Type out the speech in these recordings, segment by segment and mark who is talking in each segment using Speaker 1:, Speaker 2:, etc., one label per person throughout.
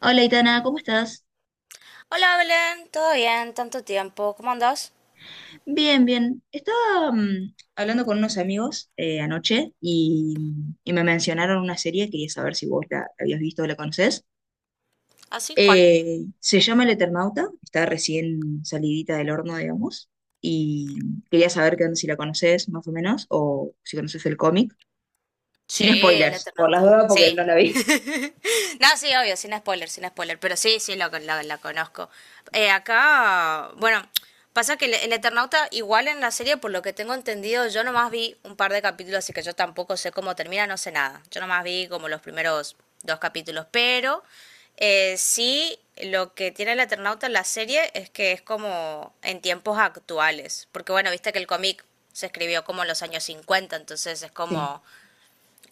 Speaker 1: Hola, Itana, ¿cómo estás?
Speaker 2: Hola, Belén, ¿todo bien? Tanto tiempo, ¿cómo andás?
Speaker 1: Bien, bien. Estaba hablando con unos amigos, anoche, y me mencionaron una serie. Quería saber si vos la habías visto o la conocés.
Speaker 2: ¿Así cual?
Speaker 1: Se llama El Eternauta, está recién salidita del horno, digamos, y quería saber qué onda, si la conocés más o menos, o si conoces el cómic.
Speaker 2: Sí,
Speaker 1: Sin
Speaker 2: el
Speaker 1: spoilers, por las
Speaker 2: Eternauta.
Speaker 1: dudas, porque
Speaker 2: Sí.
Speaker 1: no la vi.
Speaker 2: No, sí, obvio, sin spoiler, sin spoiler. Pero sí, sí, la conozco. Acá, bueno, pasa que el Eternauta, igual en la serie, por lo que tengo entendido, yo nomás vi un par de capítulos, así que yo tampoco sé cómo termina, no sé nada. Yo nomás vi como los primeros dos capítulos, pero sí, lo que tiene el Eternauta en la serie es que es como en tiempos actuales, porque bueno, viste que el cómic se escribió como en los años 50, entonces es
Speaker 1: Sí,
Speaker 2: como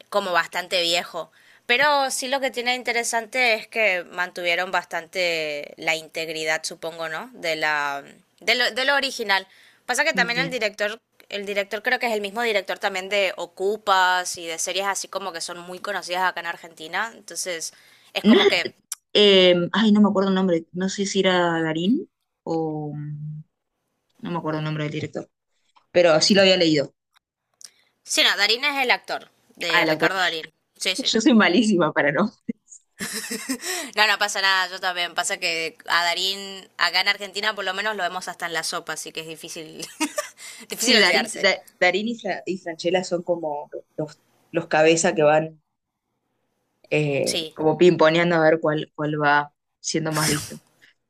Speaker 2: como bastante viejo. Pero sí, lo que tiene interesante es que mantuvieron bastante la integridad, supongo, ¿no? De lo original. Pasa que también el
Speaker 1: bien.
Speaker 2: director, el director creo que es el mismo director también de Ocupas y de series así como que son muy conocidas acá en Argentina. Entonces, es
Speaker 1: No
Speaker 2: como
Speaker 1: es-
Speaker 2: que
Speaker 1: ay, no me acuerdo el nombre, no sé si era Darín o... mm, no me acuerdo el nombre del director, pero sí lo había leído.
Speaker 2: sí, no, Darín es el actor
Speaker 1: Ah,
Speaker 2: de
Speaker 1: el autor.
Speaker 2: Ricardo Darín. Sí, sí.
Speaker 1: Yo soy malísima para no.
Speaker 2: No, no pasa nada, yo también. Pasa que a Darín acá en Argentina por lo menos lo vemos hasta en la sopa, así que es difícil difícil
Speaker 1: Sí, Darín,
Speaker 2: olvidarse.
Speaker 1: Da- Darín y Franchella son como los, los cabeza que van,
Speaker 2: Sí,
Speaker 1: como pimponeando a ver cuál va siendo más visto.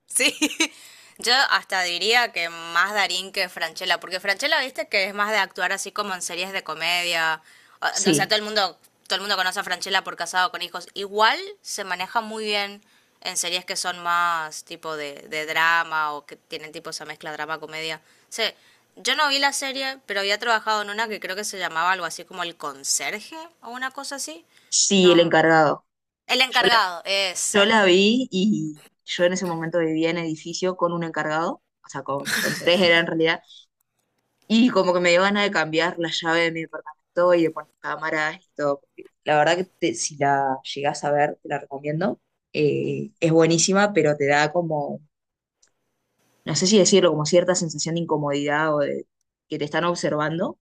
Speaker 2: sí. Yo hasta diría que más Darín que Franchella, porque Franchella, viste, que es más de actuar así como en series de comedia. O sea,
Speaker 1: Sí,
Speaker 2: todo el mundo conoce a Franchella por Casado con Hijos. Igual se maneja muy bien en series que son más tipo de drama o que tienen tipo esa mezcla drama-comedia. Sí, yo no vi la serie, pero había trabajado en una que creo que se llamaba algo así como El Conserje o una cosa así.
Speaker 1: sí, el
Speaker 2: No,
Speaker 1: encargado.
Speaker 2: El
Speaker 1: Yo la,
Speaker 2: Encargado,
Speaker 1: yo
Speaker 2: esa,
Speaker 1: la vi, y yo en ese momento vivía en edificio con un encargado, o sea, con tres era en realidad. Y como que me dio ganas de cambiar la llave de mi departamento y de poner cámaras y todo, porque la verdad que, si la llegás a ver, te la recomiendo. Es buenísima, pero te da como, no sé si decirlo, como cierta sensación de incomodidad o de que te están observando.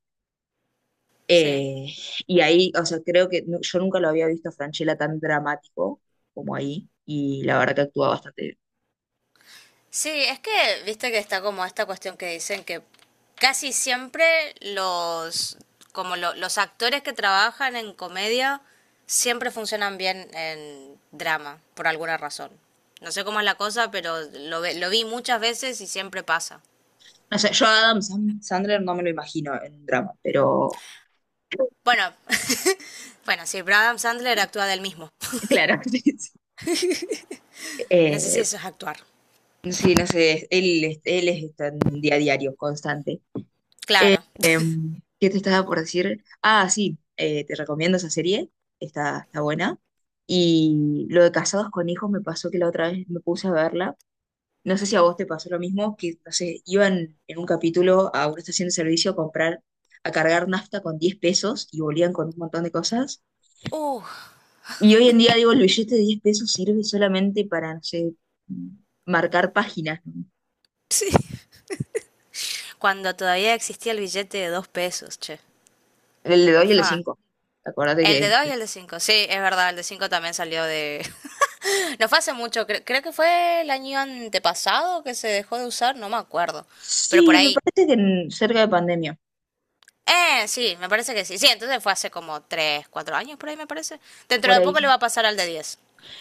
Speaker 2: sí.
Speaker 1: Eh, y ahí, o sea, creo que yo nunca lo había visto a Franchella tan dramático como ahí. Y la verdad que actúa bastante bien.
Speaker 2: Sí, es que viste que está como esta cuestión que dicen que casi siempre los actores que trabajan en comedia siempre funcionan bien en drama por alguna razón. No sé cómo es la cosa, pero lo vi muchas veces y siempre pasa.
Speaker 1: No sé, yo a Adam Sandler no me lo imagino en un drama, pero
Speaker 2: Bueno, bueno, sí, pero Adam Sandler actúa del mismo.
Speaker 1: claro. Sí, sí.
Speaker 2: No sé si
Speaker 1: Eh,
Speaker 2: eso es actuar.
Speaker 1: Sí, no sé, él es está en día a diario, constante.
Speaker 2: Claro.
Speaker 1: ¿Qué te estaba por decir? Ah, sí, te recomiendo esa serie, está buena. Y lo de Casados con Hijos me pasó que la otra vez me puse a verla. No sé si a vos te pasó lo mismo, que, no sé, iban en un capítulo a una estación de servicio a comprar, a cargar nafta con 10 pesos y volvían con un montón de cosas.
Speaker 2: Uh,
Speaker 1: Y hoy en día, digo, el billete de 10 pesos sirve solamente para, no sé, marcar páginas, ¿no?
Speaker 2: sí. Cuando todavía existía el billete de 2 pesos, che.
Speaker 1: El de 2 y el de
Speaker 2: Fa.
Speaker 1: 5. Acuérdate
Speaker 2: El de
Speaker 1: que.
Speaker 2: 2 y el de 5, sí, es verdad, el de 5 también salió de... No fue hace mucho, creo que fue el año antepasado que se dejó de usar, no me acuerdo, pero por
Speaker 1: Sí, me
Speaker 2: ahí.
Speaker 1: parece que, cerca de pandemia,
Speaker 2: Sí, me parece que sí. Sí, entonces fue hace como 3 4 años por ahí, me parece. Dentro
Speaker 1: por
Speaker 2: de
Speaker 1: ahí.
Speaker 2: poco le
Speaker 1: Sí.
Speaker 2: va a pasar al de 10.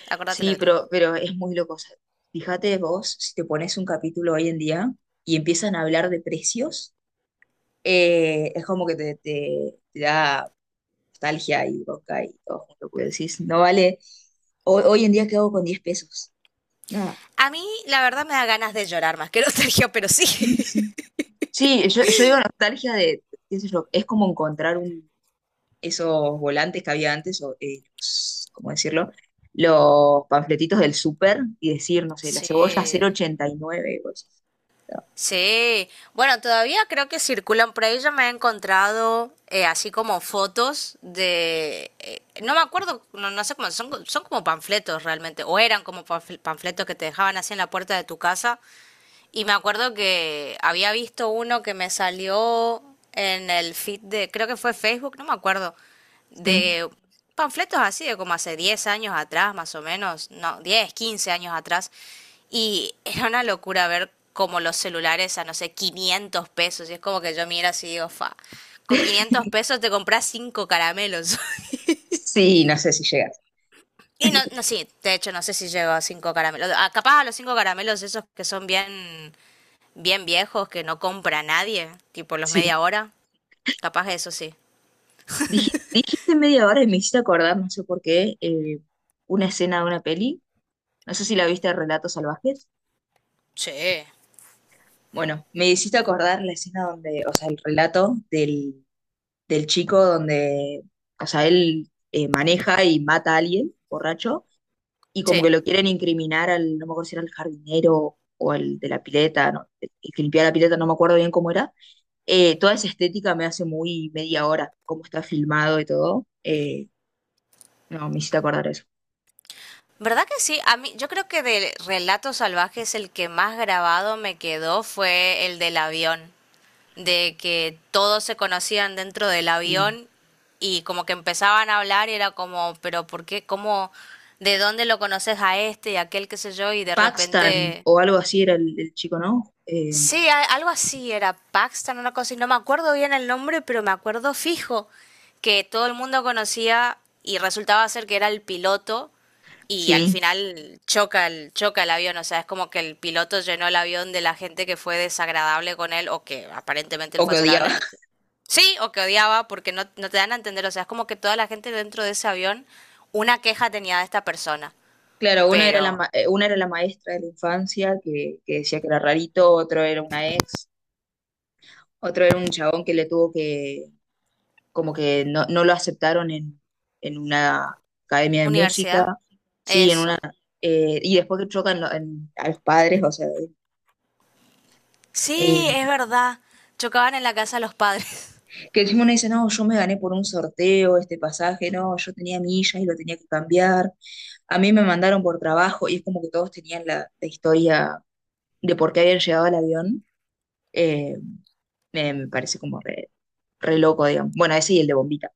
Speaker 2: Acordate lo
Speaker 1: Sí,
Speaker 2: que te digo.
Speaker 1: pero es muy loco, o sea, fíjate vos, si te pones un capítulo hoy en día y empiezan a hablar de precios, es como que te da nostalgia y boca y todo junto, porque decís, no vale. Hoy en día, ¿qué hago con 10 pesos? Nada.
Speaker 2: A mí, la verdad, me da ganas de llorar más que nostalgia, pero sí.
Speaker 1: Sí, sí. Sí, yo digo nostalgia de, qué sé yo, es como encontrar un, esos volantes que había antes, o, ¿cómo decirlo? Los panfletitos del súper y decir, no sé, la cebolla
Speaker 2: Sí.
Speaker 1: 0,89. Y nueve. Y vos decís, "No".
Speaker 2: Sí, bueno, todavía creo que circulan por ahí. Yo me he encontrado así como fotos de, no me acuerdo, no, no sé cómo son, son como panfletos realmente, o eran como panfletos que te dejaban así en la puerta de tu casa, y me acuerdo que había visto uno que me salió en el feed de, creo que fue Facebook, no me acuerdo,
Speaker 1: Sí,
Speaker 2: de panfletos así de como hace 10 años atrás, más o menos, no, 10 15 años atrás. Y era una locura ver como los celulares a, no sé, 500 pesos. Y es como que yo miro así y digo, fa, con 500 pesos te compras 5 caramelos.
Speaker 1: sí, no sé si llegas.
Speaker 2: Y no, no, sí, de hecho no sé si llego a 5 caramelos. Ah, capaz a los 5 caramelos esos que son bien bien viejos que no compra nadie, tipo los
Speaker 1: Sí.
Speaker 2: media hora, capaz que eso sí.
Speaker 1: Dijiste media hora y me hiciste acordar, no sé por qué, una escena de una peli. No sé si la viste, de Relatos Salvajes.
Speaker 2: Sí.
Speaker 1: Bueno, me hiciste acordar la escena donde, o sea, el relato del, chico, donde, o sea, él maneja y mata a alguien borracho, y como que
Speaker 2: Sí.
Speaker 1: lo quieren incriminar al, no me acuerdo si era el jardinero o al de la pileta, no, el que limpiaba la pileta, no me acuerdo bien cómo era. Toda esa estética me hace muy media hora, cómo está filmado y todo. No, me hiciste acordar eso.
Speaker 2: ¿Verdad que sí? A mí, yo creo que de Relatos Salvajes el que más grabado me quedó fue el del avión, de que todos se conocían dentro del
Speaker 1: Sí.
Speaker 2: avión y como que empezaban a hablar y era como, pero ¿por qué? ¿Cómo? ¿De dónde lo conoces a este y aquel qué sé yo? Y de
Speaker 1: Paxton
Speaker 2: repente.
Speaker 1: o algo así era el chico, ¿no?
Speaker 2: Sí, algo así era Paxton, una cosa, y no me acuerdo bien el nombre, pero me acuerdo fijo que todo el mundo conocía y resultaba ser que era el piloto y al
Speaker 1: Sí,
Speaker 2: final choca el avión, o sea, es como que el piloto llenó el avión de la gente que fue desagradable con él o que aparentemente él
Speaker 1: o
Speaker 2: fue
Speaker 1: que
Speaker 2: desagradable.
Speaker 1: odiaba.
Speaker 2: No te- Sí, o que odiaba porque no, no te dan a entender, o sea, es como que toda la gente dentro de ese avión una queja tenía de esta persona,
Speaker 1: Claro,
Speaker 2: pero
Speaker 1: una era la maestra de la infancia, que decía que era rarito, otro era una ex, otro era un chabón que, como que no lo aceptaron en, una academia de
Speaker 2: universidad,
Speaker 1: música, sí, en una...
Speaker 2: eso.
Speaker 1: y después que chocan, a los padres, o sea,
Speaker 2: Sí,
Speaker 1: eh,
Speaker 2: es verdad. Chocaban en la casa de los padres.
Speaker 1: que encima uno dice, no, yo me gané por un sorteo este pasaje, no, yo tenía millas y lo tenía que cambiar, a mí me mandaron por trabajo, y es como que todos tenían la historia de por qué habían llegado al avión. eh, me parece como re loco, digamos. Bueno, ese y el de Bombita.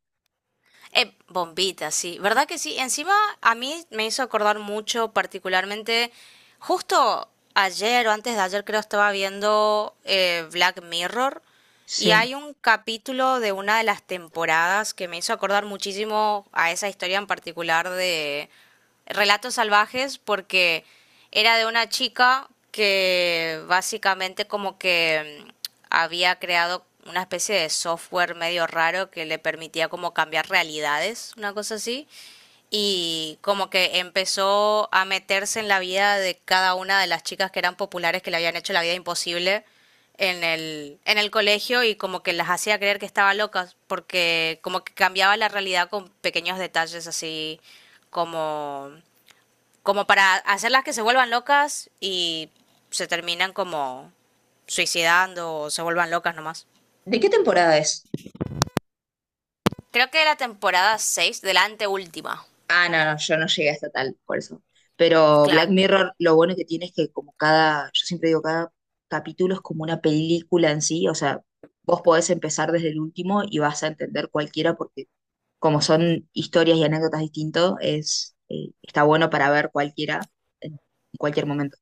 Speaker 2: Bombita, sí. ¿Verdad que sí? Encima a mí me hizo acordar mucho, particularmente, justo ayer o antes de ayer creo estaba viendo Black Mirror y
Speaker 1: Sí.
Speaker 2: hay un capítulo de una de las temporadas que me hizo acordar muchísimo a esa historia en particular de Relatos Salvajes porque era de una chica que básicamente como que había creado una especie de software medio raro que le permitía como cambiar realidades, una cosa así, y como que empezó a meterse en la vida de cada una de las chicas que eran populares, que le habían hecho la vida imposible en el, colegio, y como que las hacía creer que estaba locas, porque como que cambiaba la realidad con pequeños detalles así como, como para hacerlas que se vuelvan locas, y se terminan como suicidando o se vuelvan locas nomás.
Speaker 1: ¿De qué temporada es?
Speaker 2: Creo que era la temporada 6, de la anteúltima.
Speaker 1: Ah, no, no, yo no llegué hasta tal, por eso. Pero Black
Speaker 2: Claro.
Speaker 1: Mirror, lo bueno que tiene es que, como cada, yo siempre digo, cada capítulo es como una película en sí, o sea, vos podés empezar desde el último y vas a entender cualquiera, porque como son historias y anécdotas distintos, está bueno para ver cualquiera en cualquier momento.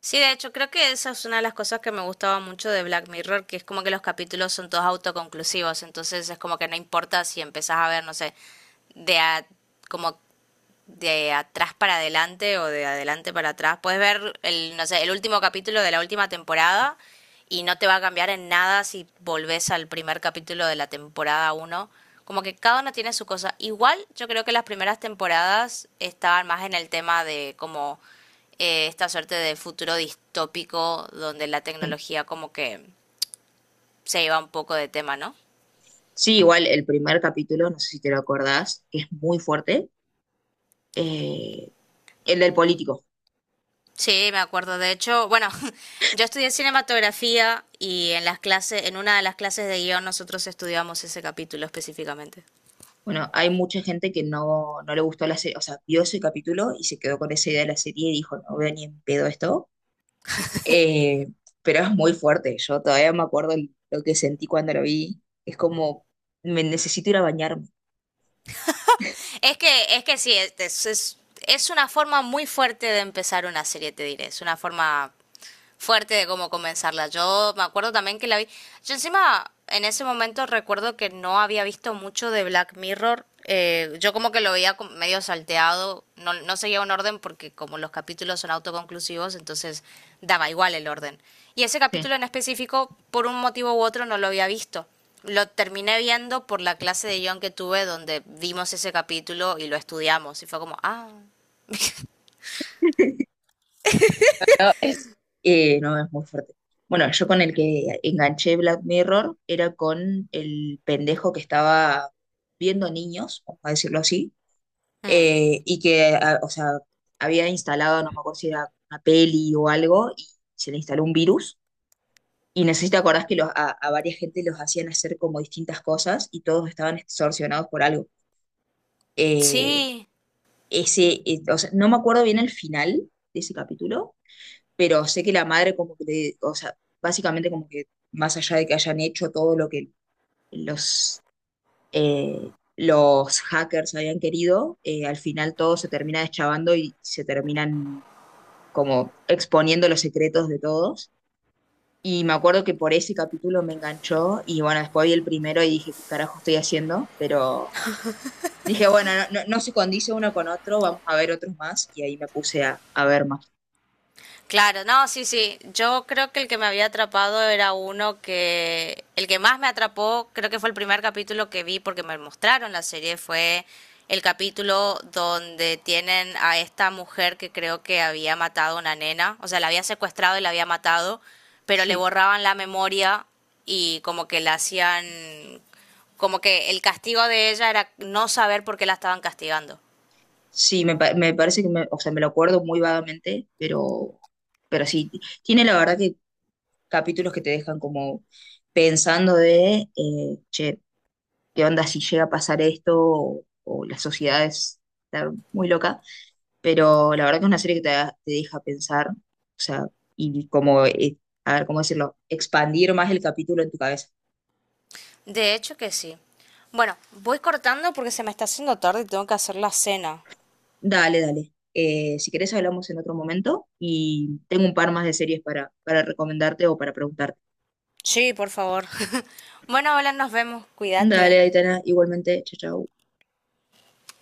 Speaker 2: Sí, de hecho, creo que esa es una de las cosas que me gustaba mucho de Black Mirror, que es como que los capítulos son todos autoconclusivos, entonces es como que no importa si empezás a ver, no sé, de a como de atrás para adelante o de adelante para atrás. Puedes ver el, no sé, el último capítulo de la última temporada, y no te va a cambiar en nada si volvés al primer capítulo de la temporada 1. Como que cada uno tiene su cosa. Igual yo creo que las primeras temporadas estaban más en el tema de como esta suerte de futuro distópico donde la
Speaker 1: Sí.
Speaker 2: tecnología como que se iba un poco de tema, ¿no?
Speaker 1: Sí, igual el primer capítulo, no sé si te lo acordás, que es muy fuerte, eh, el del político.
Speaker 2: Sí, me acuerdo. De hecho, bueno, yo estudié cinematografía, y en las clases, en una de las clases de guión nosotros estudiamos ese capítulo específicamente.
Speaker 1: Bueno, hay mucha gente que no le gustó la serie, o sea, vio ese capítulo y se quedó con esa idea de la serie y dijo, no veo ni en pedo esto. Eh, pero es muy fuerte, yo todavía me acuerdo lo que sentí cuando lo vi. Es como, me necesito ir a bañarme.
Speaker 2: Es que sí, es una forma muy fuerte de empezar una serie, te diré. Es una forma fuerte de cómo comenzarla. Yo me acuerdo también que la vi. Yo encima en ese momento recuerdo que no había visto mucho de Black Mirror. Yo como que lo veía como medio salteado, no, no seguía un orden, porque como los capítulos son autoconclusivos, entonces daba igual el orden. Y ese
Speaker 1: Sí.
Speaker 2: capítulo en específico, por un motivo u otro, no lo había visto. Lo terminé viendo por la clase de guión que tuve, donde vimos ese capítulo y lo estudiamos. Y fue como, ah,
Speaker 1: No, es, no, es muy fuerte. Bueno, yo con el que enganché Black Mirror era con el pendejo que estaba viendo niños, vamos a decirlo así,
Speaker 2: mm,
Speaker 1: y que, o sea, había instalado, no me acuerdo si era una peli o algo, y se le instaló un virus. Y necesito acordás que los, a varias gente los hacían hacer como distintas cosas, y todos estaban extorsionados por algo. Eh,
Speaker 2: sí,
Speaker 1: Ese, o sea, no me acuerdo bien el final de ese capítulo, pero sé que la madre como que, o sea, básicamente como que, más allá de que hayan hecho todo lo que los, los hackers habían querido, al final todo se termina deschavando y se terminan como exponiendo los secretos de todos. Y me acuerdo que por ese capítulo me enganchó y, bueno, después vi el primero y dije, ¿qué carajo estoy haciendo? Pero dije, bueno, no, no, no se condice uno con otro, vamos a ver otros más, y ahí me puse a ver más.
Speaker 2: claro, no, sí, sí. Yo creo que el que me había atrapado era uno que... El que más me atrapó, creo que fue el primer capítulo que vi porque me mostraron la serie, fue el capítulo donde tienen a esta mujer que creo que había matado a una nena, o sea, la había secuestrado y la había matado, pero le
Speaker 1: Sí,
Speaker 2: borraban la memoria y como que la hacían... Como que el castigo de ella era no saber por qué la estaban castigando.
Speaker 1: sí, me parece que, o sea, me lo acuerdo muy vagamente, pero sí, tiene la verdad que capítulos que te dejan como pensando de, che, ¿qué onda si llega a pasar esto, o la sociedad es está muy loca? Pero la verdad que es una serie que, te deja pensar, o sea, y como, a ver, ¿cómo decirlo? Expandir más el capítulo en tu cabeza.
Speaker 2: De hecho que sí. Bueno, voy cortando porque se me está haciendo tarde y tengo que hacer la cena.
Speaker 1: Dale, dale. Si querés hablamos en otro momento, y tengo un par más de series para, recomendarte o para preguntarte.
Speaker 2: Sí, por favor. Bueno, hola, nos vemos. Cuídate.
Speaker 1: Dale, Aitana, igualmente, chao, chao.